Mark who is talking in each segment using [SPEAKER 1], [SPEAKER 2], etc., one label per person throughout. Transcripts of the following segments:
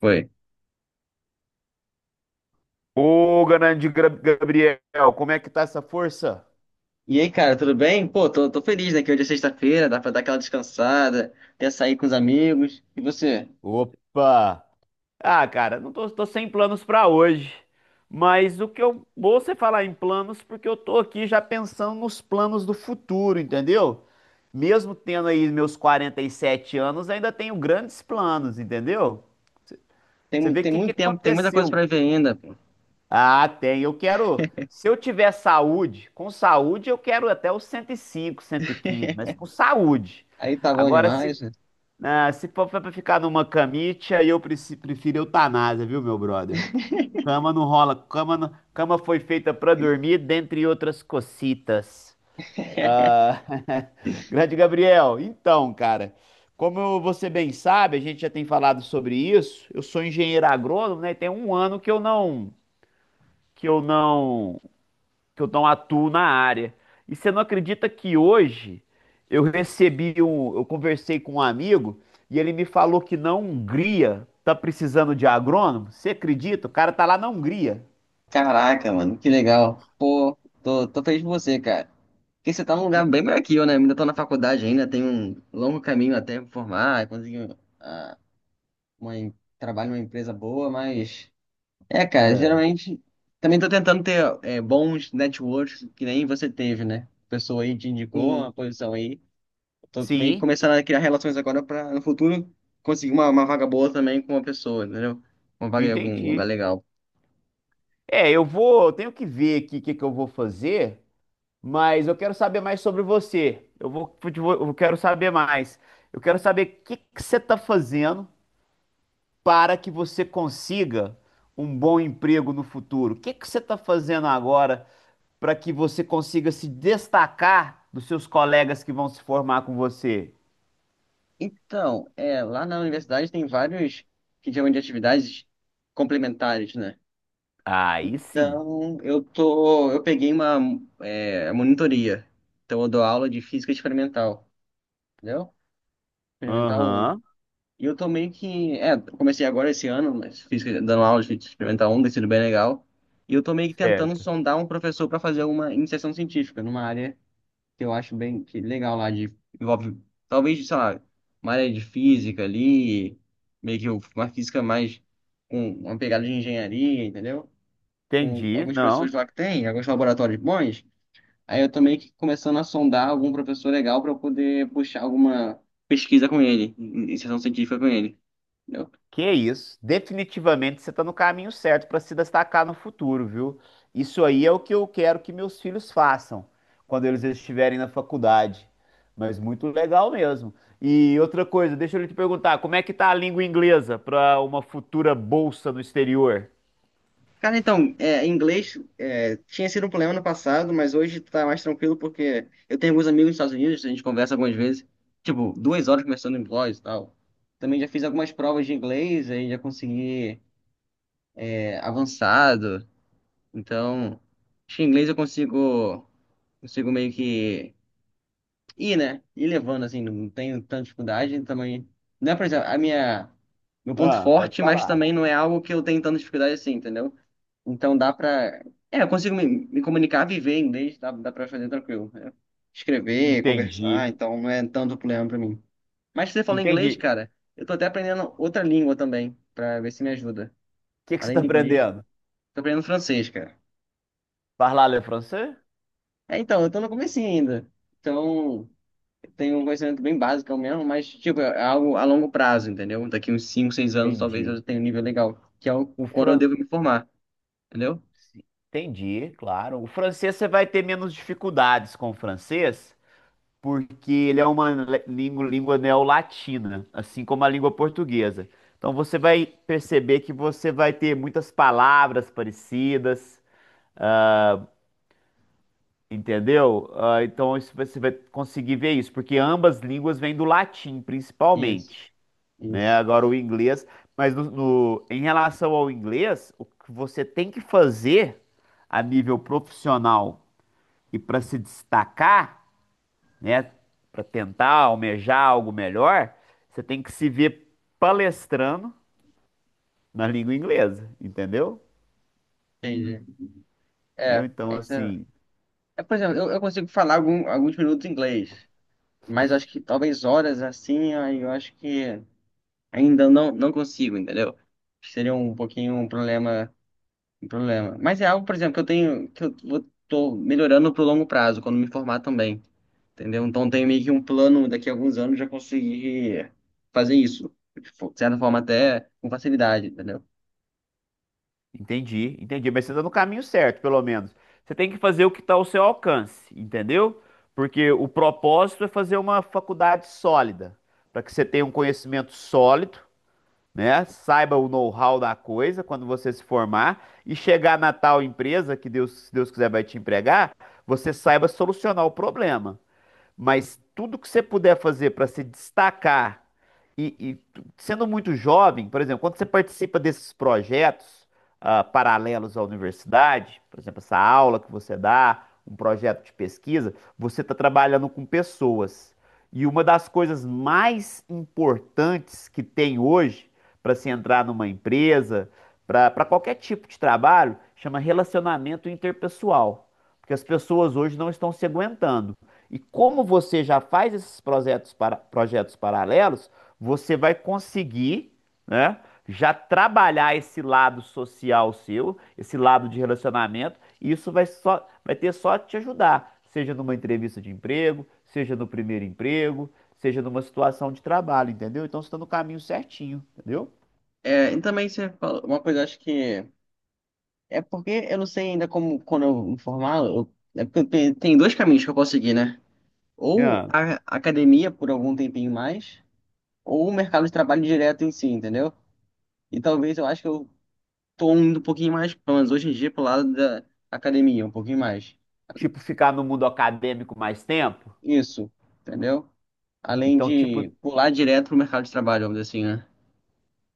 [SPEAKER 1] Foi.
[SPEAKER 2] Ô, grande Gabriel, como é que tá essa força?
[SPEAKER 1] E aí, cara, tudo bem? Pô, tô feliz, né? Que hoje é sexta-feira, dá pra dar aquela descansada, até sair com os amigos. E você?
[SPEAKER 2] Opa! Ah, cara, tô sem planos pra hoje. Mas o que eu vou você falar em planos, porque eu tô aqui já pensando nos planos do futuro, entendeu? Mesmo tendo aí meus 47 anos, ainda tenho grandes planos, entendeu?
[SPEAKER 1] Tem,
[SPEAKER 2] Você vê o
[SPEAKER 1] tem
[SPEAKER 2] que que
[SPEAKER 1] muito tempo, tem muita coisa pra
[SPEAKER 2] aconteceu.
[SPEAKER 1] ver ainda, pô.
[SPEAKER 2] Ah, tem. Eu quero. Se eu tiver saúde, com saúde eu quero até os 105, 115, mas com saúde.
[SPEAKER 1] Aí tá bom
[SPEAKER 2] Agora, se,
[SPEAKER 1] demais, né?
[SPEAKER 2] ah, se for pra ficar numa camite, aí eu prefiro eutanásia, viu, meu brother? Cama não rola, cama, cama foi feita pra dormir, dentre outras cocitas. Ah, grande Gabriel, então, cara, como você bem sabe, a gente já tem falado sobre isso. Eu sou engenheiro agrônomo, né? E tem um ano que que eu não eu não atuo na área. E você não acredita que hoje eu conversei com um amigo e ele me falou que na Hungria tá precisando de agrônomo? Você acredita? O cara tá lá na Hungria.
[SPEAKER 1] Caraca, mano, que legal. Pô, tô feliz por você, cara. Porque você tá num lugar bem melhor que eu, né? Ainda tô na faculdade ainda, tenho um longo caminho até me formar, conseguir ah, uma, trabalho numa empresa boa, mas. É, cara,
[SPEAKER 2] É.
[SPEAKER 1] geralmente também tô tentando ter bons networks que nem você teve, né? A pessoa aí te indicou uma
[SPEAKER 2] Sim.
[SPEAKER 1] posição aí. Tô meio que
[SPEAKER 2] Sim,
[SPEAKER 1] começando a criar relações agora pra no futuro conseguir uma vaga boa também com uma pessoa, entendeu? Uma vaga em algum lugar
[SPEAKER 2] entendi.
[SPEAKER 1] legal.
[SPEAKER 2] É, eu tenho que ver aqui o que que eu vou fazer, mas eu quero saber mais sobre você. Eu quero saber mais. Eu quero saber o que que você tá fazendo para que você consiga um bom emprego no futuro. O que que você está fazendo agora para que você consiga se destacar dos seus colegas que vão se formar com você?
[SPEAKER 1] Então, é, lá na universidade tem vários que chamam de atividades complementares, né?
[SPEAKER 2] Aí sim.
[SPEAKER 1] Então, eu tô, eu peguei uma monitoria. Então, eu dou aula de física experimental, entendeu? Experimental um.
[SPEAKER 2] Aham,
[SPEAKER 1] E eu tô que. É, comecei agora esse ano, mas fiz dando aula de experimental 1, tem sido bem legal. E eu tô meio que tentando
[SPEAKER 2] certo.
[SPEAKER 1] sondar um professor para fazer uma iniciação científica numa área que eu acho bem que legal lá, de. Envolve, talvez, sei lá, uma área de física ali, meio que uma física mais com uma pegada de engenharia, entendeu? Com
[SPEAKER 2] Entendi.
[SPEAKER 1] alguns
[SPEAKER 2] Não,
[SPEAKER 1] professores lá que tem, alguns laboratórios bons. Aí eu tô meio que começando a sondar algum professor legal para eu poder puxar alguma pesquisa com ele, iniciação científica com ele.
[SPEAKER 2] que isso? Definitivamente você está no caminho certo para se destacar no futuro, viu? Isso aí é o que eu quero que meus filhos façam quando eles estiverem na faculdade. Mas muito legal mesmo. E outra coisa, deixa eu te perguntar, como é que tá a língua inglesa para uma futura bolsa no exterior?
[SPEAKER 1] Cara, então, é, em inglês é, tinha sido um problema no passado, mas hoje tá mais tranquilo porque eu tenho alguns amigos nos Estados Unidos, a gente conversa algumas vezes, tipo, duas horas conversando em blogs e tal. Também já fiz algumas provas de inglês, aí já consegui avançado. Então, acho que em inglês eu consigo, consigo meio que né? E levando, assim, não tenho tanta dificuldade também. Não é, por exemplo, a minha. Meu ponto
[SPEAKER 2] Ah, pode
[SPEAKER 1] forte, mas
[SPEAKER 2] falar.
[SPEAKER 1] também não é algo que eu tenho tanta dificuldade assim, entendeu? Então dá pra. É, eu consigo me comunicar, viver em inglês, dá pra fazer tranquilo, né? Escrever, conversar,
[SPEAKER 2] Entendi.
[SPEAKER 1] então não é tanto problema pra mim. Mas se você fala
[SPEAKER 2] Entendi.
[SPEAKER 1] inglês,
[SPEAKER 2] O
[SPEAKER 1] cara, eu tô até aprendendo outra língua também, pra ver se me ajuda.
[SPEAKER 2] que que você
[SPEAKER 1] Além
[SPEAKER 2] está
[SPEAKER 1] de inglês,
[SPEAKER 2] aprendendo?
[SPEAKER 1] tô aprendendo francês, cara.
[SPEAKER 2] Parlar le français?
[SPEAKER 1] É, então, eu tô no comecinho ainda. Então, tenho um conhecimento bem básico mesmo, mas, tipo, é algo a longo prazo, entendeu? Daqui uns 5 seis anos, talvez eu
[SPEAKER 2] Entendi.
[SPEAKER 1] já tenha um nível legal,
[SPEAKER 2] O
[SPEAKER 1] quando eu
[SPEAKER 2] fran...
[SPEAKER 1] devo me formar, entendeu?
[SPEAKER 2] Entendi, claro. O francês você vai ter menos dificuldades com o francês, porque ele é uma língua, língua neolatina, assim como a língua portuguesa. Então você vai perceber que você vai ter muitas palavras parecidas, entendeu? Ah, então isso você vai conseguir ver isso, porque ambas línguas vêm do latim,
[SPEAKER 1] Isso,
[SPEAKER 2] principalmente, né?
[SPEAKER 1] isso.
[SPEAKER 2] Agora o inglês, mas em relação ao inglês, o que você tem que fazer a nível profissional e para se destacar, né? Para tentar almejar algo melhor, você tem que se ver palestrando na língua inglesa, entendeu?
[SPEAKER 1] Entendi.
[SPEAKER 2] Entendeu?
[SPEAKER 1] É,
[SPEAKER 2] Então,
[SPEAKER 1] é isso. É,
[SPEAKER 2] assim,
[SPEAKER 1] é, por exemplo, eu consigo falar alguns minutos em inglês, mas acho que talvez horas assim, aí eu acho que ainda não, não consigo, entendeu? Seria um pouquinho um problema, um problema. Mas é algo, por exemplo, que eu tenho, tô melhorando pro longo prazo, quando me formar também. Entendeu? Então tem meio que um plano daqui a alguns anos já conseguir fazer isso. Tipo, de certa forma, até com facilidade, entendeu?
[SPEAKER 2] entendi, entendi. Mas você está no caminho certo, pelo menos. Você tem que fazer o que está ao seu alcance, entendeu? Porque o propósito é fazer uma faculdade sólida, para que você tenha um conhecimento sólido, né? Saiba o know-how da coisa quando você se formar e chegar na tal empresa que Deus, se Deus quiser, vai te empregar, você saiba solucionar o problema. Mas tudo que você puder fazer para se destacar sendo muito jovem, por exemplo, quando você participa desses projetos ah, paralelos à universidade, por exemplo, essa aula que você dá, um projeto de pesquisa, você está trabalhando com pessoas. E uma das coisas mais importantes que tem hoje para se entrar numa empresa, para qualquer tipo de trabalho, chama relacionamento interpessoal. Porque as pessoas hoje não estão se aguentando. E como você já faz esses projetos, projetos paralelos, você vai conseguir, né, já trabalhar esse lado social seu, esse lado de relacionamento, e isso vai ter só te ajudar, seja numa entrevista de emprego, seja no primeiro emprego, seja numa situação de trabalho, entendeu? Então você está no caminho certinho, entendeu?
[SPEAKER 1] É, e também você falou uma coisa, eu acho que. É porque eu não sei ainda como, quando eu me formar, é porque tem dois caminhos que eu posso seguir, né? Ou
[SPEAKER 2] Ah,
[SPEAKER 1] a academia por algum tempinho mais, ou o mercado de trabalho direto em si, entendeu? E talvez eu acho que eu tô indo um pouquinho mais, pelo menos hoje em dia, pro lado da academia, um pouquinho mais.
[SPEAKER 2] tipo, ficar no mundo acadêmico mais tempo.
[SPEAKER 1] Isso, entendeu? Além
[SPEAKER 2] Então, tipo,
[SPEAKER 1] de pular direto pro mercado de trabalho, vamos dizer assim, né?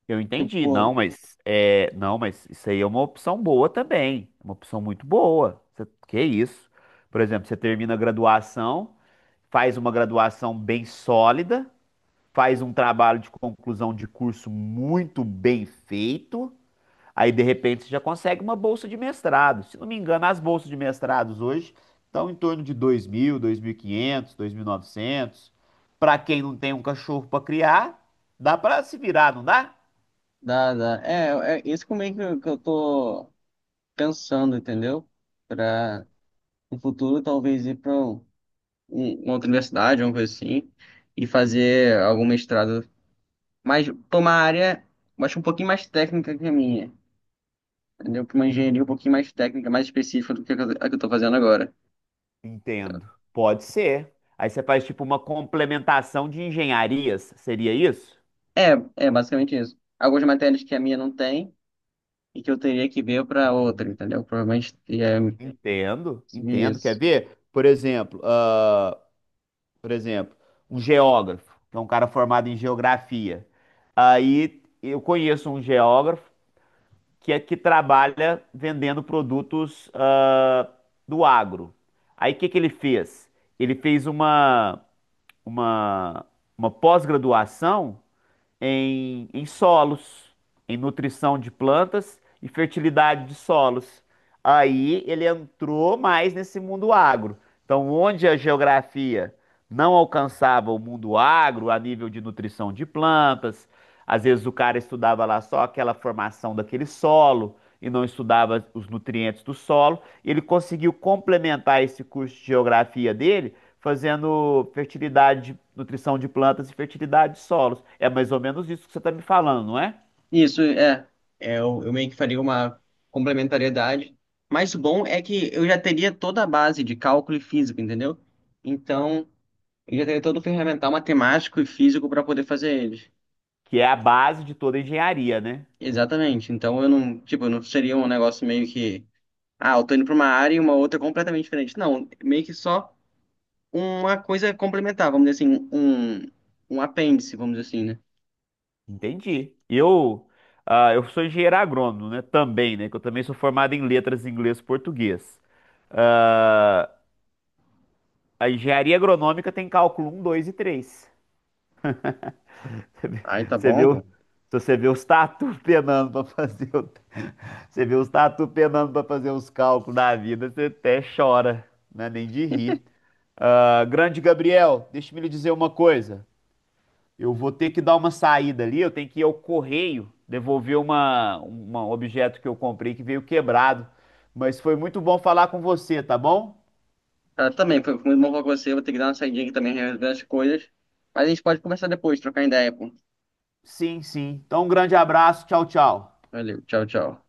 [SPEAKER 2] eu entendi,
[SPEAKER 1] Tipo,
[SPEAKER 2] não, mas isso aí é uma opção boa também, uma opção muito boa. Que isso? Por exemplo, você termina a graduação, faz uma graduação bem sólida, faz um trabalho de conclusão de curso muito bem feito, aí de repente você já consegue uma bolsa de mestrado. Se não me engano, as bolsas de mestrados hoje estão em torno de 2.000, 2.500, novecentos. Para quem não tem um cachorro para criar, dá para se virar, não dá?
[SPEAKER 1] dá. É, é isso como é que eu tô pensando, entendeu? Pra no futuro talvez ir pra um, uma outra universidade, uma coisa assim, e fazer algum mestrado, mas pra uma área, eu acho um pouquinho mais técnica que a minha, entendeu? Pra uma engenharia um pouquinho mais técnica, mais específica do que a que eu tô fazendo agora.
[SPEAKER 2] Entendo. Pode ser. Aí você faz tipo uma complementação de engenharias, seria isso?
[SPEAKER 1] É, é basicamente isso. Algumas matérias que a minha não tem e que eu teria que ver pra outra,
[SPEAKER 2] Uhum.
[SPEAKER 1] entendeu? Provavelmente é
[SPEAKER 2] Entendo, entendo. Quer
[SPEAKER 1] isso.
[SPEAKER 2] ver? Por exemplo, ah, por exemplo, um geógrafo, que é um cara formado em geografia. Aí eu conheço um geógrafo que trabalha vendendo produtos, ah, do agro. Aí o que que ele fez? Ele fez uma, uma pós-graduação em solos, em nutrição de plantas e fertilidade de solos. Aí ele entrou mais nesse mundo agro. Então, onde a geografia não alcançava o mundo agro a nível de nutrição de plantas, às vezes o cara estudava lá só aquela formação daquele solo e não estudava os nutrientes do solo. Ele conseguiu complementar esse curso de geografia dele fazendo fertilidade, nutrição de plantas e fertilidade de solos. É mais ou menos isso que você está me falando, não é?
[SPEAKER 1] Isso, é. É, eu meio que faria uma complementariedade. Mas o bom é que eu já teria toda a base de cálculo e física, entendeu? Então, eu já teria todo o ferramental matemático e físico para poder fazer eles.
[SPEAKER 2] Que é a base de toda a engenharia, né?
[SPEAKER 1] Exatamente. Então, eu não, tipo, não seria um negócio meio que, ah, eu tô indo para uma área e uma outra é completamente diferente. Não, meio que só uma coisa complementar, vamos dizer assim, um apêndice, vamos dizer assim, né?
[SPEAKER 2] Entendi. Eu, ah, eu sou engenheiro agrônomo, né? Também, né? Que eu também sou formado em letras inglês e português. Ah, a engenharia agronômica tem cálculo um, 2 e 3. Você vê,
[SPEAKER 1] Aí tá
[SPEAKER 2] você vê
[SPEAKER 1] bom,
[SPEAKER 2] o-
[SPEAKER 1] pô.
[SPEAKER 2] se você vê os tatu penando para fazer você vê os tatu penando para fazer os cálculos da vida, você até chora, né? Nem de rir. Ah, grande Gabriel, deixa-me lhe dizer uma coisa. Eu vou ter que dar uma saída ali, eu tenho que ir ao correio devolver um objeto que eu comprei que veio quebrado. Mas foi muito bom falar com você, tá bom?
[SPEAKER 1] Cara, também, foi muito bom falar com você. Eu vou ter que dar uma saidinha aqui também, resolver as coisas. Mas a gente pode conversar depois, trocar ideia, pô.
[SPEAKER 2] Sim, sim. Então, um grande abraço, tchau, tchau.
[SPEAKER 1] Valeu, tchau, tchau.